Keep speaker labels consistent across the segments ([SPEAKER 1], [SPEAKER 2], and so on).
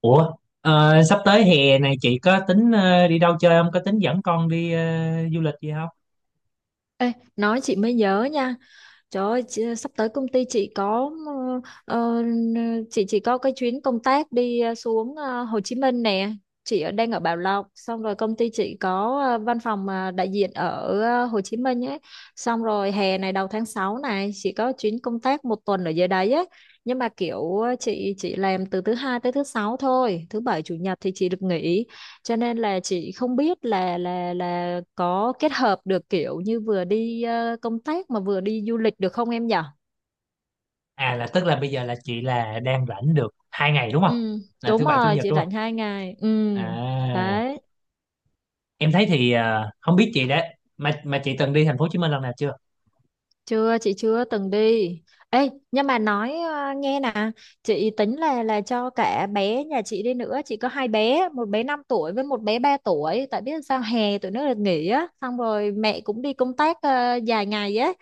[SPEAKER 1] Ủa, sắp tới hè này chị có tính đi đâu chơi không? Có tính dẫn con đi du lịch gì không?
[SPEAKER 2] Ê, nói chị mới nhớ nha. Trời ơi, sắp tới công ty chị có ờ, chị chỉ có cái chuyến công tác đi xuống Hồ Chí Minh nè. Chị đang ở Bảo Lộc, xong rồi công ty chị có văn phòng đại diện ở Hồ Chí Minh ấy. Xong rồi hè này đầu tháng 6 này chị có chuyến công tác 1 tuần ở dưới đấy ấy. Nhưng mà kiểu chị chỉ làm từ thứ hai tới thứ sáu thôi, thứ bảy chủ nhật thì chị được nghỉ cho nên là chị không biết là có kết hợp được kiểu như vừa đi công tác mà vừa đi du lịch được không em nhở?
[SPEAKER 1] À là tức là bây giờ là chị là đang rảnh được 2 ngày đúng không?
[SPEAKER 2] Ừ,
[SPEAKER 1] Là
[SPEAKER 2] đúng
[SPEAKER 1] thứ bảy chủ
[SPEAKER 2] rồi,
[SPEAKER 1] nhật
[SPEAKER 2] chị
[SPEAKER 1] đúng
[SPEAKER 2] rảnh
[SPEAKER 1] không?
[SPEAKER 2] 2 ngày. Ừ,
[SPEAKER 1] À,
[SPEAKER 2] đấy.
[SPEAKER 1] em thấy thì không biết chị đã mà chị từng đi thành phố Hồ Chí Minh lần nào chưa?
[SPEAKER 2] Chưa, chị chưa từng đi. Ê, nhưng mà nói nghe nè, chị tính là cho cả bé nhà chị đi nữa. Chị có hai bé, một bé 5 tuổi với một bé 3 tuổi, tại biết sao hè tụi nó được nghỉ á, xong rồi mẹ cũng đi công tác dài ngày á,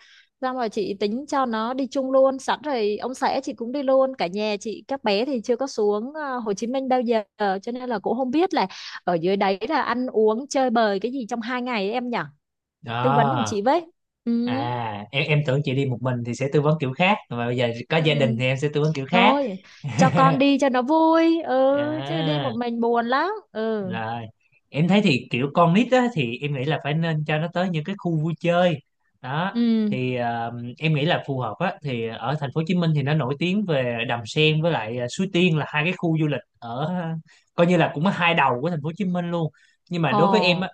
[SPEAKER 2] xong rồi chị tính cho nó đi chung luôn sẵn rồi ông xã chị cũng đi luôn cả nhà, chị các bé thì chưa có xuống Hồ Chí Minh bao giờ cho nên là cũng không biết là ở dưới đấy là ăn uống chơi bời cái gì trong 2 ngày ấy, em nhở. Tư vấn giùm
[SPEAKER 1] Đó.
[SPEAKER 2] chị với. Ừ.
[SPEAKER 1] À, em tưởng chị đi một mình thì sẽ tư vấn kiểu khác, mà bây giờ có
[SPEAKER 2] Ừ.
[SPEAKER 1] gia đình thì em sẽ tư vấn kiểu khác.
[SPEAKER 2] Thôi, cho con đi cho nó vui, ừ, chứ đi
[SPEAKER 1] À.
[SPEAKER 2] một mình buồn lắm. Ừ.
[SPEAKER 1] Rồi. Em thấy thì kiểu con nít á, thì em nghĩ là phải nên cho nó tới những cái khu vui chơi đó
[SPEAKER 2] Ừ.
[SPEAKER 1] thì em nghĩ là phù hợp á thì ở thành phố Hồ Chí Minh thì nó nổi tiếng về Đầm Sen với lại Suối Tiên là hai cái khu du lịch ở coi như là cũng ở hai đầu của thành phố Hồ Chí Minh luôn. Nhưng mà
[SPEAKER 2] Ồ.
[SPEAKER 1] đối với em á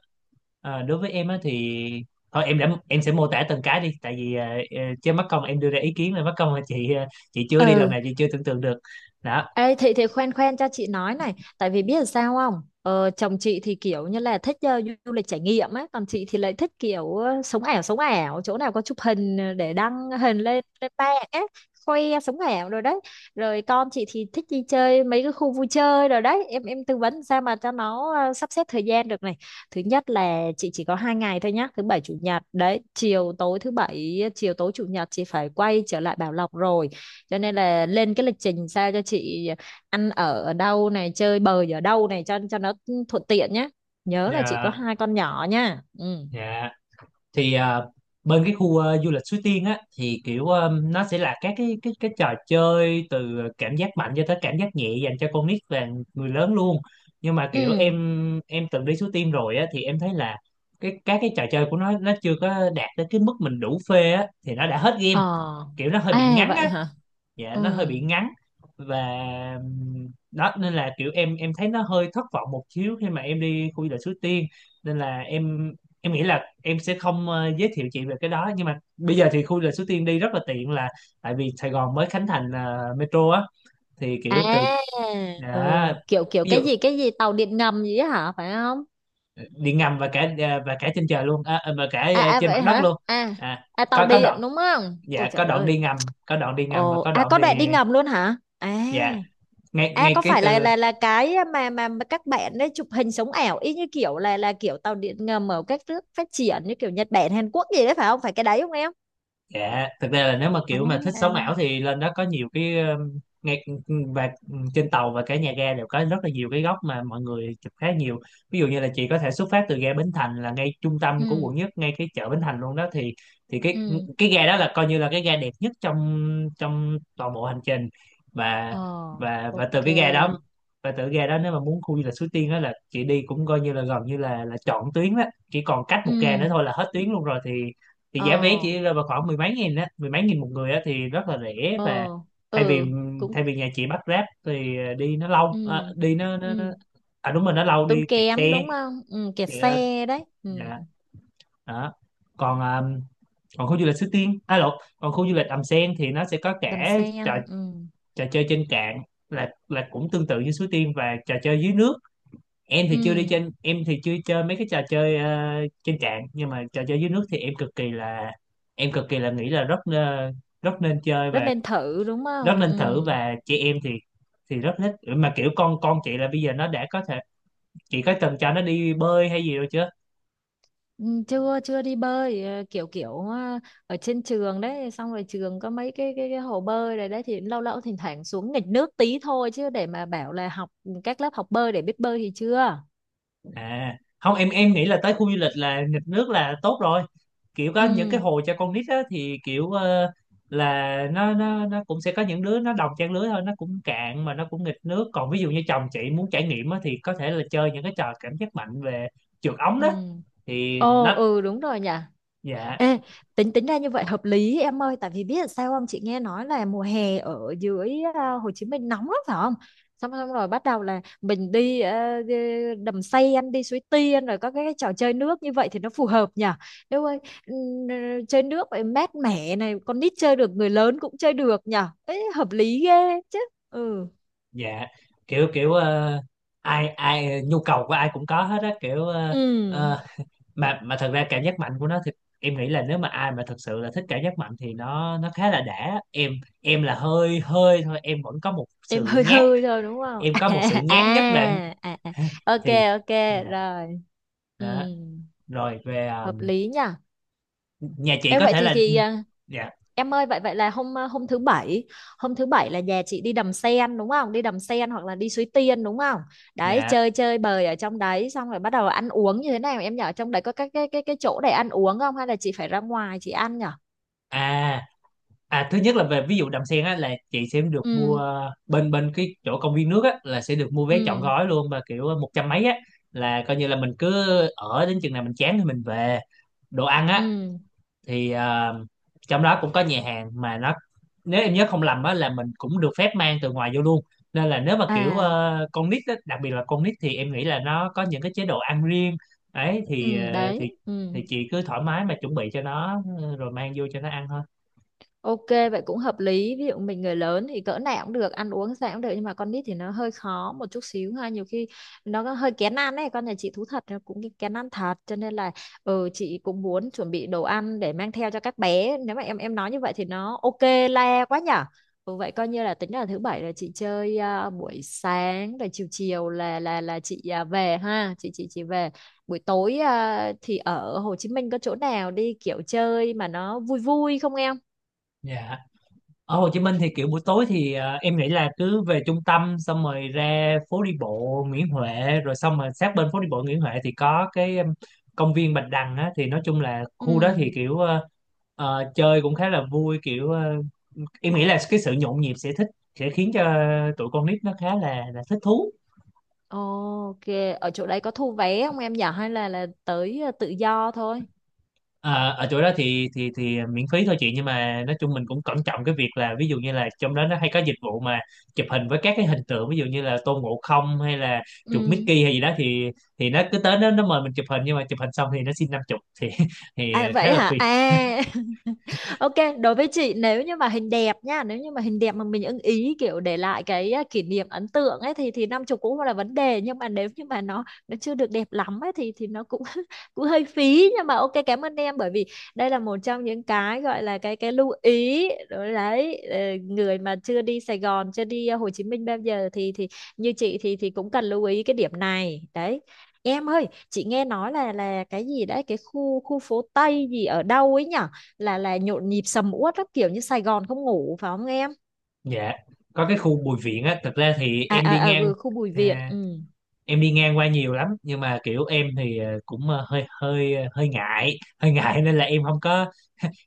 [SPEAKER 1] ờ, đối với em á thì thôi em đã em sẽ mô tả từng cái đi tại vì chứ mắc công em đưa ra ý kiến là mắc công là chị chưa đi lần
[SPEAKER 2] Ừ.
[SPEAKER 1] nào chị chưa tưởng tượng được đó.
[SPEAKER 2] Ê, thì khoan khoan cho chị nói này tại vì biết là sao không. Chồng chị thì kiểu như là thích du lịch trải nghiệm ấy, còn chị thì lại thích kiểu sống ảo, sống ảo chỗ nào có chụp hình để đăng hình lên lên mạng ấy. Khoe sống ảo rồi đấy. Rồi con chị thì thích đi chơi mấy cái khu vui chơi rồi đấy. Em tư vấn sao mà cho nó sắp xếp thời gian được này. Thứ nhất là chị chỉ có 2 ngày thôi nhá, thứ bảy chủ nhật đấy. Chiều tối thứ bảy, chiều tối chủ nhật chị phải quay trở lại Bảo Lộc rồi, cho nên là lên cái lịch trình sao cho chị ăn ở ở đâu này, chơi bời ở đâu này cho nó thuận tiện nhé. Nhớ là chị có
[SPEAKER 1] Ờ.
[SPEAKER 2] hai con nhỏ nha. Ừ.
[SPEAKER 1] Dạ. Thì bên cái khu du lịch Suối Tiên á thì kiểu nó sẽ là các cái trò chơi từ cảm giác mạnh cho tới cảm giác nhẹ dành cho con nít và người lớn luôn. Nhưng mà kiểu
[SPEAKER 2] Ừ.
[SPEAKER 1] em từng đi Suối Tiên rồi á thì em thấy là các cái trò chơi của nó chưa có đạt tới cái mức mình đủ phê á thì nó đã hết game,
[SPEAKER 2] Ờ.
[SPEAKER 1] kiểu nó hơi bị
[SPEAKER 2] À
[SPEAKER 1] ngắn
[SPEAKER 2] vậy
[SPEAKER 1] á.
[SPEAKER 2] hả?
[SPEAKER 1] Dạ,
[SPEAKER 2] Ừ.
[SPEAKER 1] nó hơi bị ngắn. Và đó nên là kiểu em thấy nó hơi thất vọng một xíu khi mà em đi khu du lịch Suối Tiên. Nên là em nghĩ là em sẽ không giới thiệu chị về cái đó, nhưng mà bây giờ thì khu du lịch Suối Tiên đi rất là tiện là tại vì Sài Gòn mới khánh thành metro á. Thì kiểu từ
[SPEAKER 2] À. Ừ.
[SPEAKER 1] đã
[SPEAKER 2] Kiểu kiểu
[SPEAKER 1] ví dụ
[SPEAKER 2] cái gì, tàu điện ngầm gì á hả phải không?
[SPEAKER 1] ờ, đi ngầm và cả trên trời luôn, và cả
[SPEAKER 2] À, à
[SPEAKER 1] trên mặt
[SPEAKER 2] vậy
[SPEAKER 1] đất
[SPEAKER 2] hả?
[SPEAKER 1] luôn.
[SPEAKER 2] À.
[SPEAKER 1] À,
[SPEAKER 2] À, tàu
[SPEAKER 1] có
[SPEAKER 2] điện
[SPEAKER 1] đoạn
[SPEAKER 2] đúng không, ôi
[SPEAKER 1] dạ, có
[SPEAKER 2] trời
[SPEAKER 1] đoạn đi
[SPEAKER 2] ơi.
[SPEAKER 1] ngầm, có đoạn đi ngầm và
[SPEAKER 2] Ồ,
[SPEAKER 1] có
[SPEAKER 2] à,
[SPEAKER 1] đoạn
[SPEAKER 2] có
[SPEAKER 1] thì.
[SPEAKER 2] đoạn đi ngầm luôn hả? À.
[SPEAKER 1] Dạ, ngay
[SPEAKER 2] À,
[SPEAKER 1] ngay
[SPEAKER 2] có
[SPEAKER 1] cái
[SPEAKER 2] phải là
[SPEAKER 1] từ.
[SPEAKER 2] cái mà các bạn ấy chụp hình sống ảo y như kiểu là kiểu tàu điện ngầm ở các nước phát triển như kiểu Nhật Bản, Hàn Quốc gì đấy phải không? Phải cái đấy không em?
[SPEAKER 1] Dạ, thực ra là nếu mà
[SPEAKER 2] À.
[SPEAKER 1] kiểu mà thích
[SPEAKER 2] À.
[SPEAKER 1] sống ảo thì lên đó có nhiều cái, ngay và trên tàu và cả nhà ga đều có rất là nhiều cái góc mà mọi người chụp khá nhiều. Ví dụ như là chị có thể xuất phát từ ga Bến Thành là ngay trung tâm của
[SPEAKER 2] Ừ.
[SPEAKER 1] quận nhất, ngay cái chợ Bến Thành luôn đó thì, thì cái
[SPEAKER 2] Ừ.
[SPEAKER 1] cái ga đó là coi như là cái ga đẹp nhất trong trong toàn bộ hành trình. Và
[SPEAKER 2] Ờ.
[SPEAKER 1] và từ
[SPEAKER 2] OK.
[SPEAKER 1] cái ga đó và từ cái ga đó nếu mà muốn khu du lịch Suối Tiên đó là chị đi cũng coi như là gần như là trọn tuyến đó, chỉ còn cách
[SPEAKER 2] Ừ.
[SPEAKER 1] một ga nữa thôi là hết tuyến luôn rồi, thì giá vé
[SPEAKER 2] Ờ.
[SPEAKER 1] chỉ rơi vào khoảng mười mấy nghìn á, mười mấy nghìn một người á, thì rất là rẻ. Và
[SPEAKER 2] Ờ.
[SPEAKER 1] thay vì
[SPEAKER 2] Ừ. Cũng.
[SPEAKER 1] thay vì nhà chị bắt Grab thì đi nó lâu,
[SPEAKER 2] Ừ.
[SPEAKER 1] đi nó.
[SPEAKER 2] Ừ.
[SPEAKER 1] À, đúng rồi nó lâu
[SPEAKER 2] Tốn
[SPEAKER 1] đi kẹt
[SPEAKER 2] kém
[SPEAKER 1] xe.
[SPEAKER 2] đúng không? Ừ, kẹt
[SPEAKER 1] Kẹt,
[SPEAKER 2] xe đấy. Ừ.
[SPEAKER 1] dạ, đó. còn ờ, còn khu du lịch Suối Tiên à lộn còn khu du lịch Đầm Sen thì nó sẽ có
[SPEAKER 2] Đầm
[SPEAKER 1] cả trò,
[SPEAKER 2] sen. Ừ.
[SPEAKER 1] trò chơi trên cạn là cũng tương tự như Suối Tiên và trò chơi dưới nước. Em thì chưa đi
[SPEAKER 2] Ừ.
[SPEAKER 1] trên Em thì chưa chơi mấy cái trò chơi trên cạn, nhưng mà trò chơi dưới nước thì em cực kỳ là nghĩ là rất, rất nên chơi và
[SPEAKER 2] Rất nên thử đúng
[SPEAKER 1] rất
[SPEAKER 2] không?
[SPEAKER 1] nên
[SPEAKER 2] Ừ.
[SPEAKER 1] thử. Và chị em thì rất thích. Mà kiểu con chị là bây giờ nó đã có thể, chị có từng cho nó đi bơi hay gì rồi chưa?
[SPEAKER 2] Ừ, chưa chưa đi bơi, kiểu kiểu ờ, ở trên trường đấy, xong rồi trường có mấy cái hồ bơi này đấy thì lâu lâu thỉnh thoảng xuống nghịch nước tí thôi, chứ để mà bảo là học các lớp học bơi để biết bơi thì chưa.
[SPEAKER 1] À không, em nghĩ là tới khu du lịch là nghịch nước là tốt rồi. Kiểu có những cái
[SPEAKER 2] Ừ.
[SPEAKER 1] hồ cho con nít á thì kiểu là nó cũng sẽ có những đứa nó đồng trang lứa thôi, nó cũng cạn mà nó cũng nghịch nước. Còn ví dụ như chồng chị muốn trải nghiệm á thì có thể là chơi những cái trò cảm giác mạnh về trượt ống
[SPEAKER 2] Ừ.
[SPEAKER 1] đó thì
[SPEAKER 2] Ồ. Ừ, đúng rồi nhỉ.
[SPEAKER 1] dạ,
[SPEAKER 2] Ê, tính tính ra như vậy hợp lý em ơi, tại vì biết là sao không. Chị nghe nói là mùa hè ở dưới Hồ Chí Minh nóng lắm phải không, xong xong rồi bắt đầu là mình đi đi đầm xây ăn, đi Suối Tiên rồi có cái trò chơi nước như vậy thì nó phù hợp nhỉ. Nếu ơi. ừm, ờ, Chơi nước vậy mát mẻ này, con nít chơi được người lớn cũng chơi được nhỉ. Ê, hợp lý ghê chứ. Ừ.
[SPEAKER 1] dạ, kiểu kiểu ai ai nhu cầu của ai cũng có hết á, kiểu
[SPEAKER 2] Ừ.
[SPEAKER 1] ờ, mà thật ra cảm giác mạnh của nó thì em nghĩ là nếu mà ai mà thật sự là thích cảm giác mạnh thì nó khá là đã. Em là hơi hơi thôi, em vẫn có một
[SPEAKER 2] Em
[SPEAKER 1] sự
[SPEAKER 2] hơi
[SPEAKER 1] nhát
[SPEAKER 2] hơi thôi đúng không?
[SPEAKER 1] em có một sự nhát nhất định
[SPEAKER 2] À, à, à. OK.
[SPEAKER 1] thì.
[SPEAKER 2] OK.
[SPEAKER 1] Dạ,
[SPEAKER 2] Rồi. Ừ.
[SPEAKER 1] đó. Rồi về
[SPEAKER 2] Hợp lý nhỉ.
[SPEAKER 1] nhà chị
[SPEAKER 2] Ê,
[SPEAKER 1] có
[SPEAKER 2] vậy
[SPEAKER 1] thể
[SPEAKER 2] thì
[SPEAKER 1] là. Dạ,
[SPEAKER 2] em ơi, vậy vậy là hôm hôm thứ bảy, là nhà chị đi đầm sen đúng không, đi đầm sen hoặc là đi Suối Tiên đúng không? Đấy,
[SPEAKER 1] dạ,
[SPEAKER 2] chơi chơi bời ở trong đấy, xong rồi bắt đầu ăn uống như thế nào em nhỏ? Trong đấy có các cái chỗ để ăn uống không hay là chị phải ra ngoài chị ăn nhở?
[SPEAKER 1] à à, thứ nhất là về ví dụ đầm sen á là chị sẽ được mua
[SPEAKER 2] Ừ.
[SPEAKER 1] bên bên cái chỗ công viên nước á là sẽ được mua vé trọn
[SPEAKER 2] Ừ.
[SPEAKER 1] gói luôn mà kiểu một trăm mấy á, là coi như là mình cứ ở đến chừng nào mình chán thì mình về. Đồ ăn á
[SPEAKER 2] Ừ.
[SPEAKER 1] thì trong đó cũng có nhà hàng mà nó, nếu em nhớ không lầm á là mình cũng được phép mang từ ngoài vô luôn. Nên là nếu mà kiểu
[SPEAKER 2] À.
[SPEAKER 1] con nít á, đặc biệt là con nít thì em nghĩ là nó có những cái chế độ ăn riêng ấy thì
[SPEAKER 2] Ừ đấy.
[SPEAKER 1] thì
[SPEAKER 2] Ừ.
[SPEAKER 1] chị cứ thoải mái mà chuẩn bị cho nó rồi mang vô cho nó ăn thôi.
[SPEAKER 2] OK, vậy cũng hợp lý. Ví dụ mình người lớn thì cỡ nào cũng được, ăn uống sao cũng được. Nhưng mà con nít thì nó hơi khó một chút xíu ha. Nhiều khi nó có hơi kén ăn ấy. Con nhà chị thú thật nó cũng kén ăn thật. Cho nên là ừ, chị cũng muốn chuẩn bị đồ ăn để mang theo cho các bé. Nếu mà em nói như vậy thì nó OK le quá nhở. Ừ, vậy coi như là tính là thứ bảy là chị chơi buổi sáng rồi chiều chiều là chị về ha. Chị về. Buổi tối thì ở Hồ Chí Minh có chỗ nào đi kiểu chơi mà nó vui vui không em?
[SPEAKER 1] Dạ, ở Hồ Chí Minh thì kiểu buổi tối thì em nghĩ là cứ về trung tâm xong rồi ra phố đi bộ Nguyễn Huệ, rồi xong rồi sát bên phố đi bộ Nguyễn Huệ thì có cái, công viên Bạch Đằng á. Thì nói chung là
[SPEAKER 2] Ừ.
[SPEAKER 1] khu đó thì kiểu chơi cũng khá là vui, kiểu em nghĩ là cái sự nhộn nhịp sẽ khiến cho tụi con nít nó khá là thích thú.
[SPEAKER 2] OK, ở chỗ đấy có thu vé không em nhỏ, hay là tới tự do thôi?
[SPEAKER 1] À, ở chỗ đó thì miễn phí thôi chị, nhưng mà nói chung mình cũng cẩn trọng cái việc là ví dụ như là trong đó nó hay có dịch vụ mà chụp hình với các cái hình tượng, ví dụ như là Tôn Ngộ Không hay là chuột
[SPEAKER 2] Ừ.
[SPEAKER 1] Mickey hay gì đó thì, nó cứ tới nó mời mình chụp hình, nhưng mà chụp hình xong thì nó xin 50 thì thì
[SPEAKER 2] À,
[SPEAKER 1] khá
[SPEAKER 2] vậy
[SPEAKER 1] là
[SPEAKER 2] hả?
[SPEAKER 1] phiền.
[SPEAKER 2] À. OK. Đối với chị, nếu như mà hình đẹp nha, nếu như mà hình đẹp mà mình ưng ý kiểu để lại cái kỷ niệm ấn tượng ấy thì 50 cũng không là vấn đề. Nhưng mà nếu như mà nó chưa được đẹp lắm ấy thì nó cũng cũng hơi phí. Nhưng mà OK, cảm ơn em bởi vì đây là một trong những cái gọi là cái lưu ý đối đấy. Ờ, người mà chưa đi Sài Gòn, chưa đi Hồ Chí Minh bao giờ thì như chị thì cũng cần lưu ý cái điểm này đấy. Em ơi, chị nghe nói là cái gì đấy cái khu khu phố Tây gì ở đâu ấy nhở, là nhộn nhịp sầm uất lắm kiểu như Sài Gòn không ngủ phải không em?
[SPEAKER 1] Dạ, có cái khu Bùi Viện á. Thực ra thì
[SPEAKER 2] À, à, à vừa khu Bùi Viện.
[SPEAKER 1] à,
[SPEAKER 2] Ừ.
[SPEAKER 1] em đi ngang qua nhiều lắm, nhưng mà kiểu em thì cũng hơi hơi hơi ngại hơi ngại nên là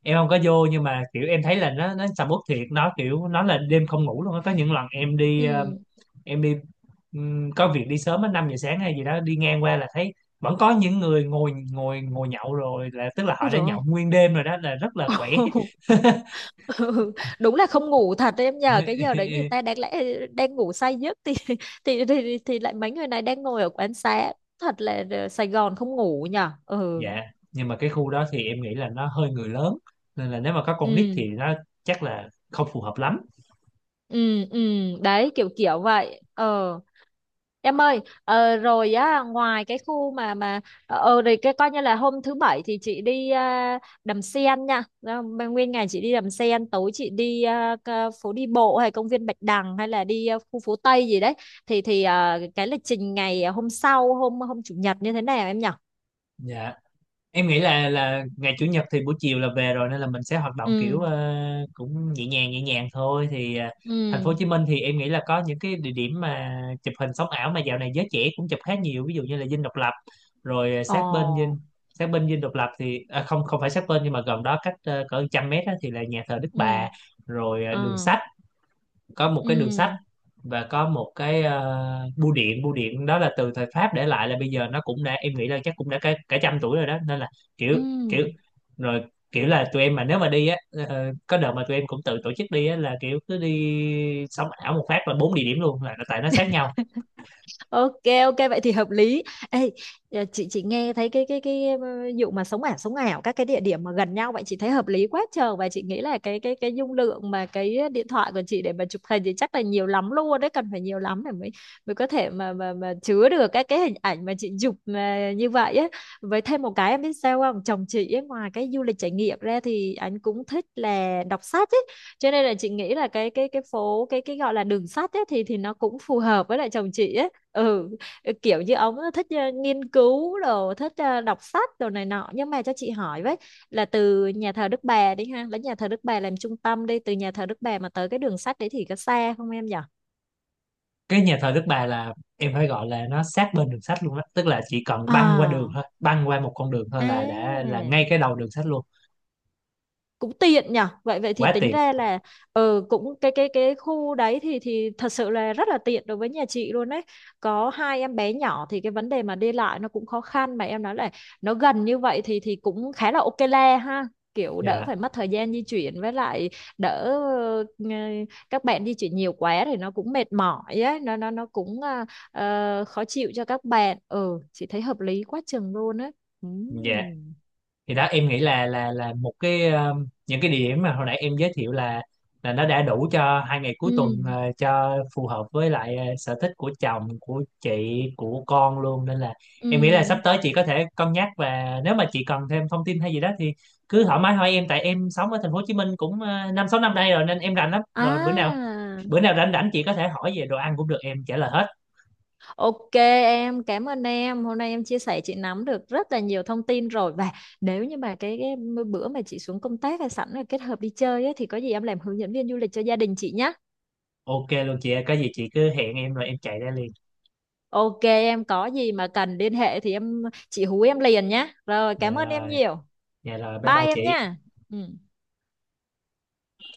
[SPEAKER 1] em không có vô. Nhưng mà kiểu em thấy là nó sầm uất thiệt, nó kiểu nó là đêm không ngủ luôn á. Có những lần
[SPEAKER 2] Ừ.
[SPEAKER 1] em đi, có việc đi sớm á 5 giờ sáng hay gì đó đi ngang qua là thấy vẫn có những người ngồi ngồi ngồi nhậu rồi, là tức là họ
[SPEAKER 2] Ui
[SPEAKER 1] đã
[SPEAKER 2] trời ơi.
[SPEAKER 1] nhậu nguyên đêm rồi đó là rất là khỏe.
[SPEAKER 2] Ừ, đúng là không ngủ thật đấy em nhờ. Cái giờ đấy người ta đáng lẽ đang ngủ say giấc thì, thì lại mấy người này đang ngồi ở quán xá. Thật là Sài Gòn không ngủ nhở. Ừ.
[SPEAKER 1] Dạ, nhưng mà cái khu đó thì em nghĩ là nó hơi người lớn, nên là nếu mà có con nít
[SPEAKER 2] Ừ.
[SPEAKER 1] thì nó chắc là không phù hợp lắm.
[SPEAKER 2] Ừ. Ừ. Đấy kiểu kiểu vậy ờ. Em ơi, rồi á, ngoài cái khu mà rồi cái coi như là hôm thứ bảy thì chị đi Đầm Sen nha. Đó, mà nguyên ngày chị đi Đầm Sen, tối chị đi phố đi bộ hay công viên Bạch Đằng hay là đi khu phố Tây gì đấy. Thì cái lịch trình ngày hôm sau hôm hôm chủ nhật như thế nào em nhỉ?
[SPEAKER 1] Dạ, em nghĩ là ngày chủ nhật thì buổi chiều là về rồi nên là mình sẽ hoạt động
[SPEAKER 2] Ừ.
[SPEAKER 1] kiểu cũng nhẹ nhàng thôi, thì
[SPEAKER 2] Ừ.
[SPEAKER 1] thành phố Hồ Chí Minh thì em nghĩ là có những cái địa điểm mà chụp hình sống ảo mà dạo này giới trẻ cũng chụp khá nhiều, ví dụ như là Dinh Độc Lập, rồi
[SPEAKER 2] Ồ.
[SPEAKER 1] Sát bên Dinh Độc Lập thì không không phải sát bên nhưng mà gần đó cách cỡ 100 mét á thì là nhà thờ Đức Bà,
[SPEAKER 2] Ừ.
[SPEAKER 1] rồi đường
[SPEAKER 2] Ờ.
[SPEAKER 1] sách có một cái đường sách
[SPEAKER 2] Ừ.
[SPEAKER 1] và có một cái bưu điện đó là từ thời Pháp để lại, là bây giờ nó cũng đã, em nghĩ là chắc cũng đã cả trăm tuổi rồi đó nên là
[SPEAKER 2] Ừ.
[SPEAKER 1] kiểu kiểu rồi, kiểu là tụi em mà nếu mà đi á, có đợt mà tụi em cũng tự tổ chức đi á là kiểu cứ đi sống ảo một phát là bốn địa điểm luôn là tại nó sát nhau.
[SPEAKER 2] OK, OK vậy thì hợp lý. Ê, chị nghe thấy vụ mà sống ảo, sống ảo các cái địa điểm mà gần nhau vậy chị thấy hợp lý quá trời. Và chị nghĩ là cái dung lượng mà cái điện thoại của chị để mà chụp hình thì chắc là nhiều lắm luôn đấy, cần phải nhiều lắm để mới mới có thể mà chứa được các cái hình ảnh mà chị chụp mà như vậy á. Với thêm một cái em biết sao không, chồng chị ấy, ngoài cái du lịch trải nghiệm ra thì anh cũng thích là đọc sách ấy, cho nên là chị nghĩ là cái phố cái gọi là đường sách ấy thì nó cũng phù hợp với lại chồng chị ấy. Ừ, kiểu như ông thích nghiên cứu đồ, thích đọc sách đồ này nọ. Nhưng mà cho chị hỏi với là từ nhà thờ Đức Bà đi ha, lấy nhà thờ Đức Bà làm trung tâm, đi từ nhà thờ Đức Bà mà tới cái đường sắt đấy thì có xa không em nhở?
[SPEAKER 1] Cái nhà thờ Đức Bà là em phải gọi là nó sát bên đường sắt luôn á, tức là chỉ cần
[SPEAKER 2] À.
[SPEAKER 1] băng qua một con đường thôi
[SPEAKER 2] À,
[SPEAKER 1] là đã là ngay cái đầu đường sắt luôn.
[SPEAKER 2] cũng tiện nhở, vậy vậy thì
[SPEAKER 1] Quá
[SPEAKER 2] tính
[SPEAKER 1] tiền.
[SPEAKER 2] ra là ờ cũng cái khu đấy thì thật sự là rất là tiện đối với nhà chị luôn đấy. Có hai em bé nhỏ thì cái vấn đề mà đi lại nó cũng khó khăn, mà em nói là nó gần như vậy thì cũng khá là OK le ha. Kiểu đỡ
[SPEAKER 1] Dạ,
[SPEAKER 2] phải mất thời gian di chuyển, với lại đỡ các bạn di chuyển nhiều quá thì nó cũng mệt mỏi ấy, nó cũng khó chịu cho các bạn. Ừ, chị thấy hợp lý quá chừng luôn á.
[SPEAKER 1] dạ,
[SPEAKER 2] Ừm.
[SPEAKER 1] thì đó em nghĩ là những cái địa điểm mà hồi nãy em giới thiệu là nó đã đủ cho 2 ngày cuối tuần
[SPEAKER 2] Ừ.
[SPEAKER 1] cho phù hợp với lại sở thích của chồng, của chị, của con luôn. Nên là em nghĩ là sắp
[SPEAKER 2] Ừ.
[SPEAKER 1] tới chị có thể cân nhắc và nếu mà chị cần thêm thông tin hay gì đó thì cứ thoải mái hỏi em, tại em sống ở thành phố Hồ Chí Minh cũng 5, 6 năm nay rồi nên em rành lắm rồi.
[SPEAKER 2] À,
[SPEAKER 1] Bữa nào rảnh rảnh chị có thể hỏi về đồ ăn cũng được, em trả lời hết.
[SPEAKER 2] OK em, cảm ơn em. Hôm nay em chia sẻ chị nắm được rất là nhiều thông tin rồi. Và nếu như mà cái bữa mà chị xuống công tác hay sẵn là kết hợp đi chơi á, thì có gì em làm hướng dẫn viên du lịch cho gia đình chị nhé.
[SPEAKER 1] OK luôn chị ơi, có gì chị cứ hẹn em rồi em chạy ra liền.
[SPEAKER 2] OK em, có gì mà cần liên hệ thì em chị hú em liền nhé. Rồi,
[SPEAKER 1] Dạ
[SPEAKER 2] cảm ơn em
[SPEAKER 1] rồi,
[SPEAKER 2] nhiều.
[SPEAKER 1] dạ rồi, bye
[SPEAKER 2] Bye
[SPEAKER 1] bye chị.
[SPEAKER 2] em nha. Ừ.